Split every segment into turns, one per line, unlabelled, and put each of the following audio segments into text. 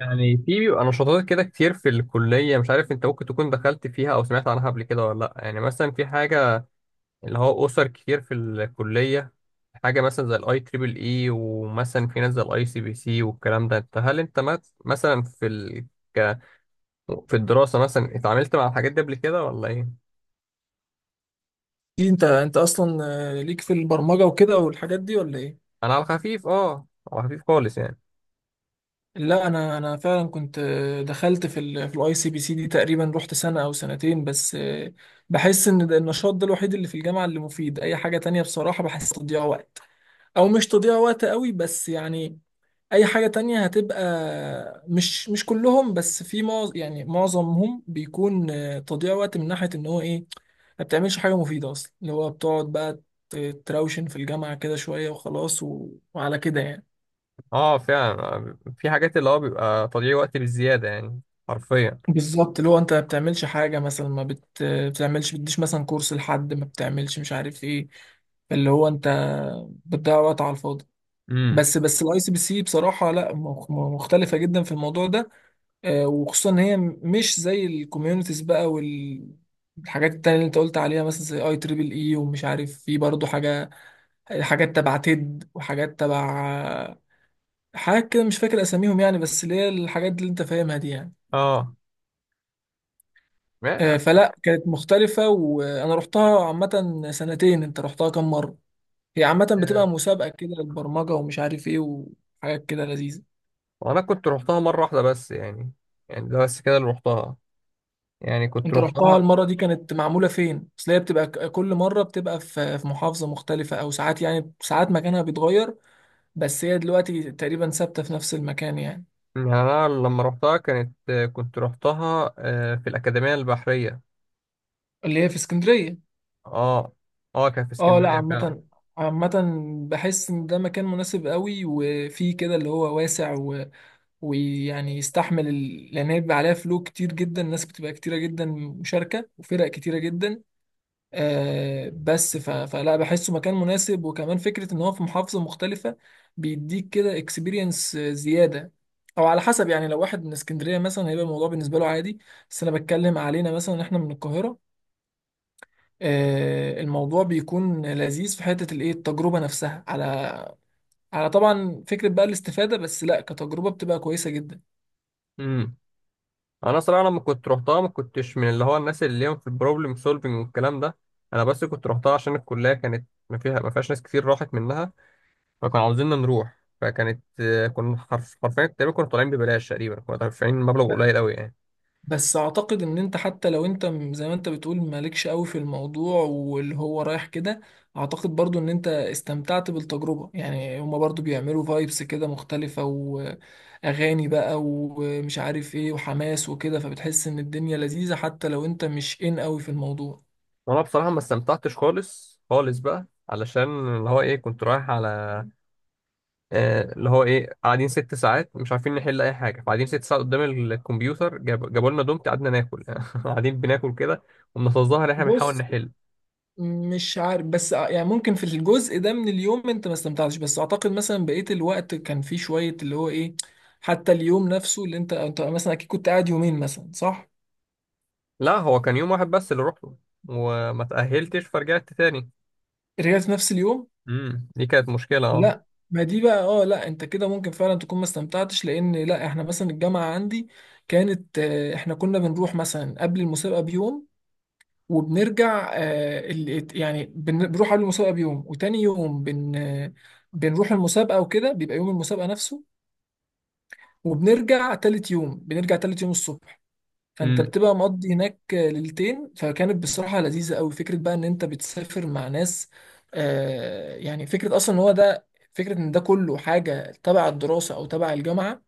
يعني في بيبقى نشاطات كده كتير في الكلية، مش عارف انت ممكن تكون دخلت فيها او سمعت عنها قبل كده ولا لا. يعني مثلا في حاجة اللي هو اسر كتير في الكلية، حاجة مثلا زي الـIEEE، ومثلا في ناس زي الـICPC والكلام ده. انت هل انت مت- مثلا في ال... ك... في الدراسة مثلا اتعاملت مع الحاجات دي قبل كده ولا ايه؟
إيه، انت اصلا ليك في البرمجه وكده والحاجات دي ولا ايه؟
انا على خفيف، اه، على خفيف خالص يعني.
لا، انا فعلا كنت دخلت في الاي سي بي سي دي، تقريبا رحت سنه او سنتين. بس بحس ان ده النشاط ده الوحيد اللي في الجامعه اللي مفيد، اي حاجه تانية بصراحه بحس تضييع وقت، او مش تضييع وقت قوي بس يعني اي حاجة تانية هتبقى مش كلهم، بس في يعني معظمهم بيكون تضييع وقت من ناحية ان هو ايه، ما بتعملش حاجة مفيدة اصلا، اللي هو بتقعد بقى تراوشن في الجامعة كده شوية وخلاص و... وعلى كده يعني.
اه فعلا، في حاجات اللي هو بيبقى تضييع وقت بالزيادة يعني. حرفيا.
بالظبط، اللي هو انت ما بتعملش حاجة، مثلا ما بتعملش، بتديش مثلا كورس، لحد ما بتعملش مش عارف ايه، اللي هو انت بتضيع وقت على الفاضي.
امم.
بس الاي سي بي سي بصراحة لا مختلفة جدا في الموضوع ده، وخصوصا ان هي مش زي الكوميونيتيز بقى والحاجات التانية اللي انت قلت عليها، مثلا زي اي تريبل اي، ومش عارف في برضه حاجة، حاجات تبع تيد وحاجات تبع آه، حاجات كده مش فاكر اساميهم يعني، بس اللي هي الحاجات اللي انت فاهمها دي يعني.
اه.
فلا كانت مختلفة، وانا رحتها عامة سنتين. انت رحتها كام مرة؟ هي عامة بتبقى مسابقة كده للبرمجة، ومش عارف ايه، وحاجات كده لذيذة.
وانا كنت روحتها مره واحده بس يعني ده بس كده اللي روحتها. يعني كنت
انت رحتها
روحتها.
المرة دي كانت معمولة فين؟ اصل هي بتبقى كل مرة بتبقى في محافظة مختلفة، او ساعات يعني ساعات مكانها بيتغير، بس هي دلوقتي تقريبا ثابتة في نفس المكان يعني.
يعني انا لما روحتها كانت كنت روحتها في الاكاديميه البحريه.
اللي هي في اسكندرية.
اه. اه، كان في
اه، لا
اسكندريه فعلا.
عامة، عامة بحس ان ده مكان مناسب قوي، وفيه كده اللي هو واسع ويعني يستحمل لان هي بيبقى عليها فلو كتير جدا، ناس بتبقى كتيرة جدا، مشاركة، وفرق كتيرة جدا. بس فلا بحسه مكان مناسب، وكمان فكرة ان هو في محافظة مختلفة بيديك كده اكسبيرينس زيادة. او على حسب يعني، لو واحد من اسكندرية مثلا هيبقى الموضوع بالنسبة له عادي، بس انا بتكلم علينا مثلا احنا من القاهرة، الموضوع بيكون لذيذ في حتة الايه التجربة نفسها، على طبعا فكرة بقى الاستفادة، بس لا كتجربة بتبقى كويسة جدا.
امم. انا صراحه لما كنت روحتها ما كنتش من اللي هو الناس اللي ليهم في البروبلم سولفنج والكلام ده. انا بس كنت روحتها عشان الكليه كانت ما فيهاش ناس كتير راحت منها، فكانوا عاوزيننا نروح. فكانت، كنا حرفيا تقريبا كنا طالعين ببلاش، تقريبا كنا دافعين مبلغ قليل قوي يعني.
بس اعتقد ان انت حتى لو انت زي ما انت بتقول مالكش قوي في الموضوع واللي هو رايح كده، اعتقد برضو ان انت استمتعت بالتجربة. يعني هما برضو بيعملوا فايبس كده مختلفة، واغاني بقى ومش عارف ايه وحماس وكده، فبتحس ان الدنيا لذيذة حتى لو انت مش ان قوي في الموضوع.
وانا بصراحه ما استمتعتش خالص خالص بقى، علشان اللي هو ايه كنت رايح على، اللي هو ايه قاعدين 6 ساعات مش عارفين نحل اي حاجه. فقاعدين 6 ساعات قدام الكمبيوتر، جابوا لنا دومت، قعدنا ناكل قاعدين بناكل كده وبنتظاهر ان احنا بنحاول
بص،
نحل.
مش عارف، بس يعني ممكن في الجزء ده من اليوم انت ما استمتعتش، بس اعتقد مثلا بقية الوقت كان فيه شوية اللي هو ايه، حتى اليوم نفسه اللي انت مثلا اكيد كنت قاعد يومين مثلا، صح؟
لا، هو كان يوم واحد بس اللي روحته، وما تاهلتش فرجعت تاني.
رجعت في نفس اليوم؟
امم، دي كانت مشكله اه.
لا، ما دي بقى، اه، لا انت كده ممكن فعلا تكون ما استمتعتش، لان لا احنا مثلا الجامعة عندي كانت احنا كنا بنروح مثلا قبل المسابقة بيوم، وبنرجع يعني بنروح قبل المسابقة بيوم، وتاني يوم بن آه، بنروح المسابقة وكده، بيبقى يوم المسابقة نفسه، وبنرجع تالت يوم، بنرجع تالت يوم الصبح. فانت
امم.
بتبقى مقضي هناك ليلتين، فكانت بصراحة لذيذة قوي فكرة بقى ان انت بتسافر مع ناس. يعني فكرة اصلا ان هو ده، فكرة ان ده كله حاجة تبع الدراسة او تبع الجامعة،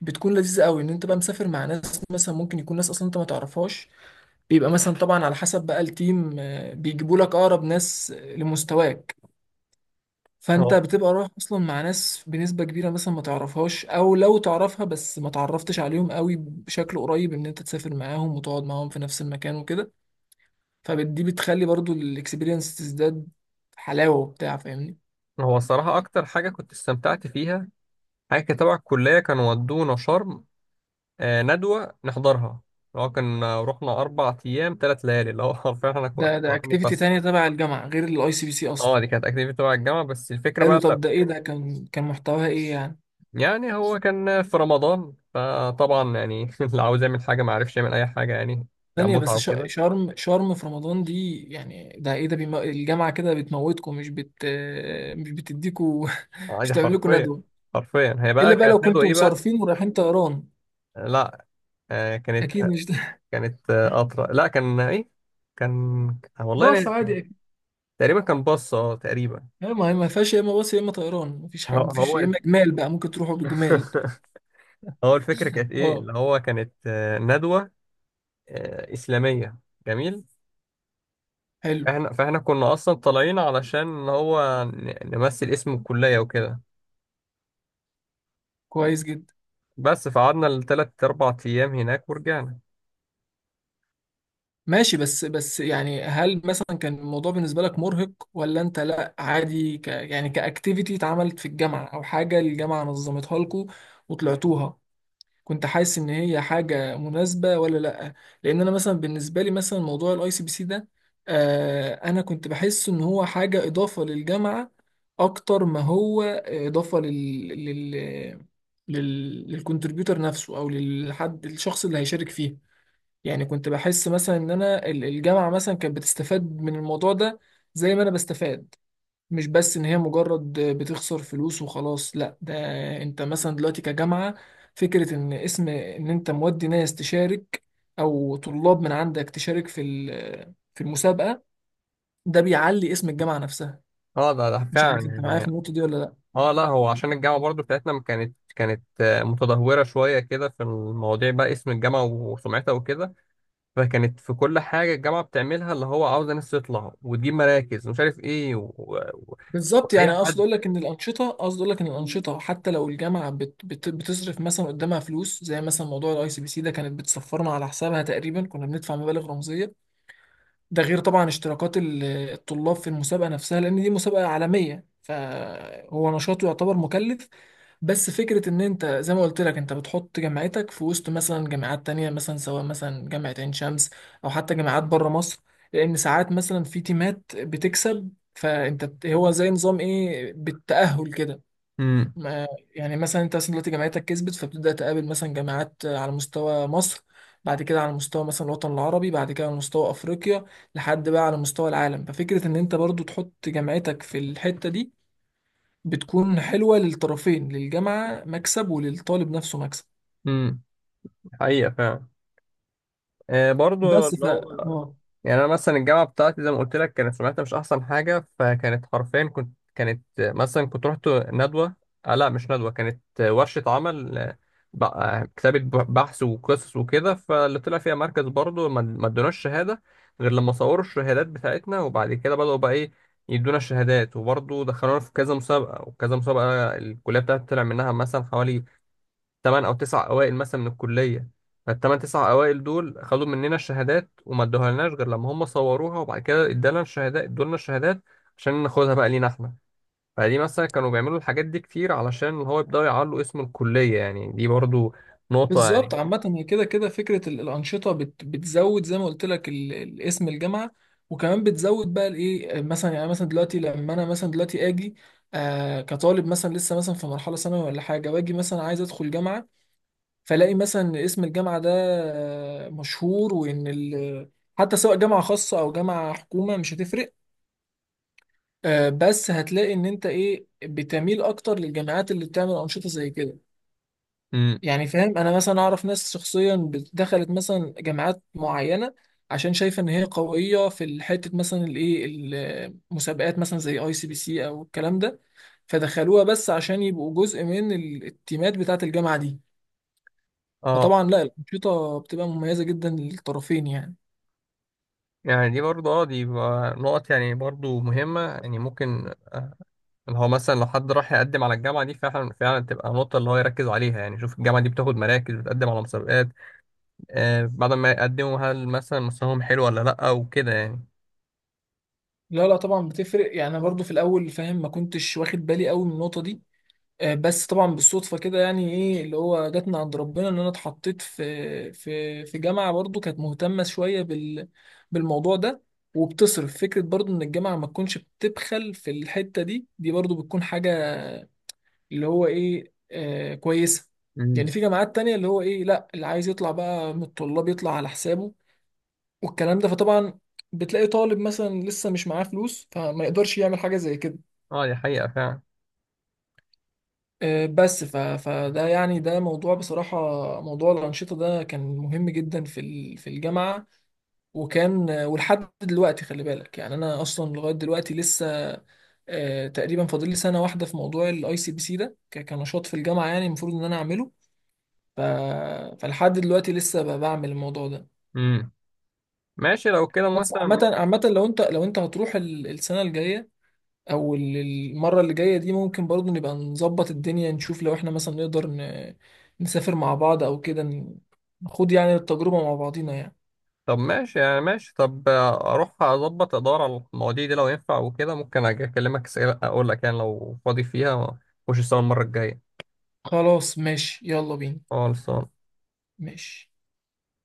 بتكون لذيذة قوي، ان انت بقى مسافر مع ناس، مثلا ممكن يكون ناس اصلا انت ما تعرفهاش. بيبقى مثلا طبعا على حسب بقى التيم، بيجيبوا لك اقرب ناس لمستواك. فانت
هو
بتبقى رايح اصلا مع ناس بنسبه كبيره مثلا ما تعرفهاش، او لو تعرفها بس ما تعرفتش عليهم قوي بشكل قريب، ان انت تسافر معاهم وتقعد معاهم في نفس المكان وكده. فدي بتخلي برضو الاكسبيرينس تزداد حلاوه وبتاع، فاهمني؟
هو الصراحه اكتر حاجه كنت استمتعت فيها، حاجه تبع الكليه، كانوا ودونا شرم. ندوة نحضرها اللي هو كان، رحنا 4 أيام 3 ليالي، اللي هو حرفيا احنا كنا
ده
رايحين
اكتيفيتي
نتفسح.
تانية تبع الجامعه غير الاي سي بي سي
اه،
اصلا؟
دي كانت اكتيفيتي تبع الجامعة، بس الفكرة
حلو،
بقى لا.
طب ده ايه، ده كان محتواها ايه يعني؟
يعني هو كان في رمضان، فطبعا يعني اللي عاوز يعمل حاجة ما عرفش يعمل أي حاجة يعني، كان
ثانية
متعة
بس،
وكده.
شرم شرم في رمضان دي يعني، ده ايه ده الجامعة كده بتموتكم، مش بتديكوا مش
عادي
بتعمل لكم
حرفيا.
ندوة؟
حرفيا هي
الا
بقى
بقى
كانت
لو
ندوة
كنتوا
ايه بقى؟
مصرفين ورايحين طيران.
لا. آه
اكيد
كانت
مش ده.
كانت قطرة، لا. كان ايه؟ كان، والله
باص
ناسي.
عادي أكيد.
تقريبا كان باص، اه، تقريبا.
لا، ما هي ما فيهاش يا اما باص يا اما طيران، مفيش
هو
حاجه مفيش،
هو
يا اما جمال بقى ممكن تروحوا بجمال.
هو الفكرة كانت ايه،
اه،
اللي هو كانت ندوة إسلامية. جميل.
حلو،
فاحنا كنا أصلا طالعين علشان إن هو نمثل اسم الكلية وكده،
كويس جدا.
بس فقعدنا التلات أربع أيام هناك ورجعنا.
ماشي، بس يعني هل مثلا كان الموضوع بالنسبه لك مرهق، ولا انت لا عادي، يعني كاكتيفيتي اتعملت في الجامعه او حاجه الجامعه نظمتها لكم وطلعتوها، كنت حاسس ان هي حاجه مناسبه ولا لا؟ لان انا مثلا بالنسبه لي، مثلا موضوع الاي سي بي سي ده، انا كنت بحس ان هو حاجه اضافه للجامعه، اكتر ما هو اضافه لل لل لل للكمبيوتر نفسه، او للحد الشخص اللي هيشارك فيه. يعني كنت بحس مثلا ان انا الجامعه مثلا كانت بتستفاد من الموضوع ده، زي ما انا بستفاد، مش بس ان هي مجرد بتخسر فلوس وخلاص. لا، ده انت مثلا دلوقتي كجامعة، فكرة ان اسم، ان انت مودي ناس تشارك، او طلاب من عندك تشارك في المسابقة، ده بيعلي اسم الجامعة نفسها.
اه، ده
مش عارف انت
فعلا
معايا في
يعني.
النقطة دي ولا لا؟
اه لا، هو عشان الجامعة برضو بتاعتنا ما كانت متدهورة شوية كده في المواضيع بقى، اسم الجامعة وسمعتها وكده. فكانت في كل حاجة الجامعة بتعملها اللي هو عاوزة ناس تطلع وتجيب مراكز ومش عارف ايه،
بالظبط،
وأي
يعني
حد.
اقصد اقول لك ان الأنشطة حتى لو الجامعة بت بت بتصرف مثلا قدامها فلوس، زي مثلا موضوع الاي سي بي سي ده، كانت بتسفرنا على حسابها، تقريبا كنا بندفع مبالغ رمزية. ده غير طبعا اشتراكات الطلاب في المسابقة نفسها، لأن دي مسابقة عالمية فهو نشاطه يعتبر مكلف. بس فكرة إن أنت، زي ما قلت لك، أنت بتحط جامعتك في وسط مثلا جامعات تانية، مثلا سواء مثلا جامعة عين شمس، أو حتى جامعات بره مصر، لأن ساعات مثلا في تيمات بتكسب. فأنت هو زي نظام إيه بالتأهل كده
امم.
ما. يعني مثلا انت مثلا دلوقتي جامعتك كسبت، فبتبدأ تقابل مثلا جامعات على مستوى مصر، بعد كده على مستوى مثلا الوطن العربي، بعد كده على مستوى افريقيا، لحد بقى على مستوى العالم. ففكرة ان انت برضو تحط جامعتك في الحتة دي بتكون حلوة للطرفين، للجامعة مكسب وللطالب نفسه مكسب.
امم حقيقة فعلا، برضو
بس
اللي هو. يعني انا مثلا الجامعه بتاعتي زي ما قلت لك كانت سمعتها مش احسن حاجه، فكانت حرفيا كنت كانت مثلا كنت رحت ندوه. لا مش ندوه، كانت ورشه عمل، كتابه بحث وقصص وكده. فاللي طلع فيها مركز برضه ما ادوناش شهاده، غير لما صوروا الشهادات بتاعتنا، وبعد كده بداوا بقى ايه، يدونا الشهادات. وبرضه دخلونا في كذا مسابقه وكذا مسابقه. الكليه بتاعتي طلع منها مثلا حوالي 8 أو 9 اوائل مثلا من الكليه. فالتمن تسع اوائل دول خدوا مننا الشهادات وما ادوها لناش غير لما هم صوروها، وبعد كده ادالنا الشهادات ادولنا الشهادات عشان ناخدها بقى لينا احنا. فدي مثلا كانوا بيعملوا الحاجات دي كتير علشان اللي هو يبداوا يعلوا اسم الكليه يعني، دي برضو نقطه
بالظبط،
يعني.
عامة هي كده كده فكرة الأنشطة بتزود، زي ما قلت لك، اسم الجامعة، وكمان بتزود بقى الإيه، مثلا يعني مثلا دلوقتي لما أنا مثلا دلوقتي آجي كطالب، مثلا لسه مثلا في مرحلة ثانوي ولا حاجة، وآجي مثلا عايز أدخل جامعة، فلاقي مثلا إن اسم الجامعة ده مشهور، وإن حتى سواء جامعة خاصة أو جامعة حكومة مش هتفرق. بس هتلاقي إن أنت إيه بتميل أكتر للجامعات اللي بتعمل أنشطة زي كده.
امم.
يعني فاهم؟ انا مثلا اعرف ناس شخصيا دخلت مثلا جامعات معينه، عشان شايفه ان هي قويه في الحته مثلا الايه، المسابقات، مثلا زي اي سي بي سي او الكلام ده، فدخلوها بس عشان يبقوا جزء من التيمات بتاعه الجامعه دي.
اه.
فطبعا لا، الانشطه بتبقى مميزه جدا للطرفين يعني.
يعني دي برضو، اه، دي بقى نقط يعني برضو مهمه يعني ممكن اللي هو مثلا لو حد راح يقدم على الجامعه دي، فعلا فعلا تبقى نقطه اللي هو يركز عليها يعني. شوف الجامعه دي بتاخد مراكز، بتقدم على مسابقات. بعد ما يقدموا هل مثلا مستواهم حلو ولا لأ وكده يعني.
لا، لا، طبعا بتفرق. يعني أنا برضو في الاول فاهم ما كنتش واخد بالي قوي من النقطه دي، بس طبعا بالصدفه كده، يعني ايه اللي هو جت من عند ربنا، ان انا اتحطيت في جامعه برضو كانت مهتمه شويه بالموضوع ده، وبتصرف فكره برضو ان الجامعه ما تكونش بتبخل في الحته دي، دي برضو بتكون حاجه اللي هو ايه كويسه. يعني
امم.
في جامعات تانية اللي هو ايه، لا اللي عايز يطلع بقى من الطلاب يطلع على حسابه والكلام ده. فطبعا بتلاقي طالب مثلا لسه مش معاه فلوس، فما يقدرش يعمل حاجه زي كده.
اه، دي حقيقة فعلا.
بس فده يعني، ده موضوع بصراحة، موضوع الأنشطة ده كان مهم جدا في الجامعة، وكان ولحد دلوقتي خلي بالك، يعني أنا أصلا لغاية دلوقتي لسه تقريبا فاضل لي سنة واحدة في موضوع الأي سي بي سي ده كنشاط في الجامعة، يعني المفروض إن أنا أعمله. ف... فلحد دلوقتي لسه بعمل الموضوع ده.
امم. ماشي لو كده
بس
مثلا.
عامة عامة لو أنت هتروح السنة الجاية، او المره اللي جايه دي، ممكن برضو نبقى نظبط الدنيا، نشوف لو احنا مثلا نقدر نسافر مع بعض، او كده نخوض يعني التجربه مع بعضينا يعني.
طب ماشي، يعني ماشي طب، اروح اظبط ادور على المواضيع دي لو ينفع وكده، ممكن اجي اكلمك اقول لك يعني لو فاضي فيها وش السنة المرة الجاية.
خلاص ماشي، يلا بينا.
خالص.
ماشي.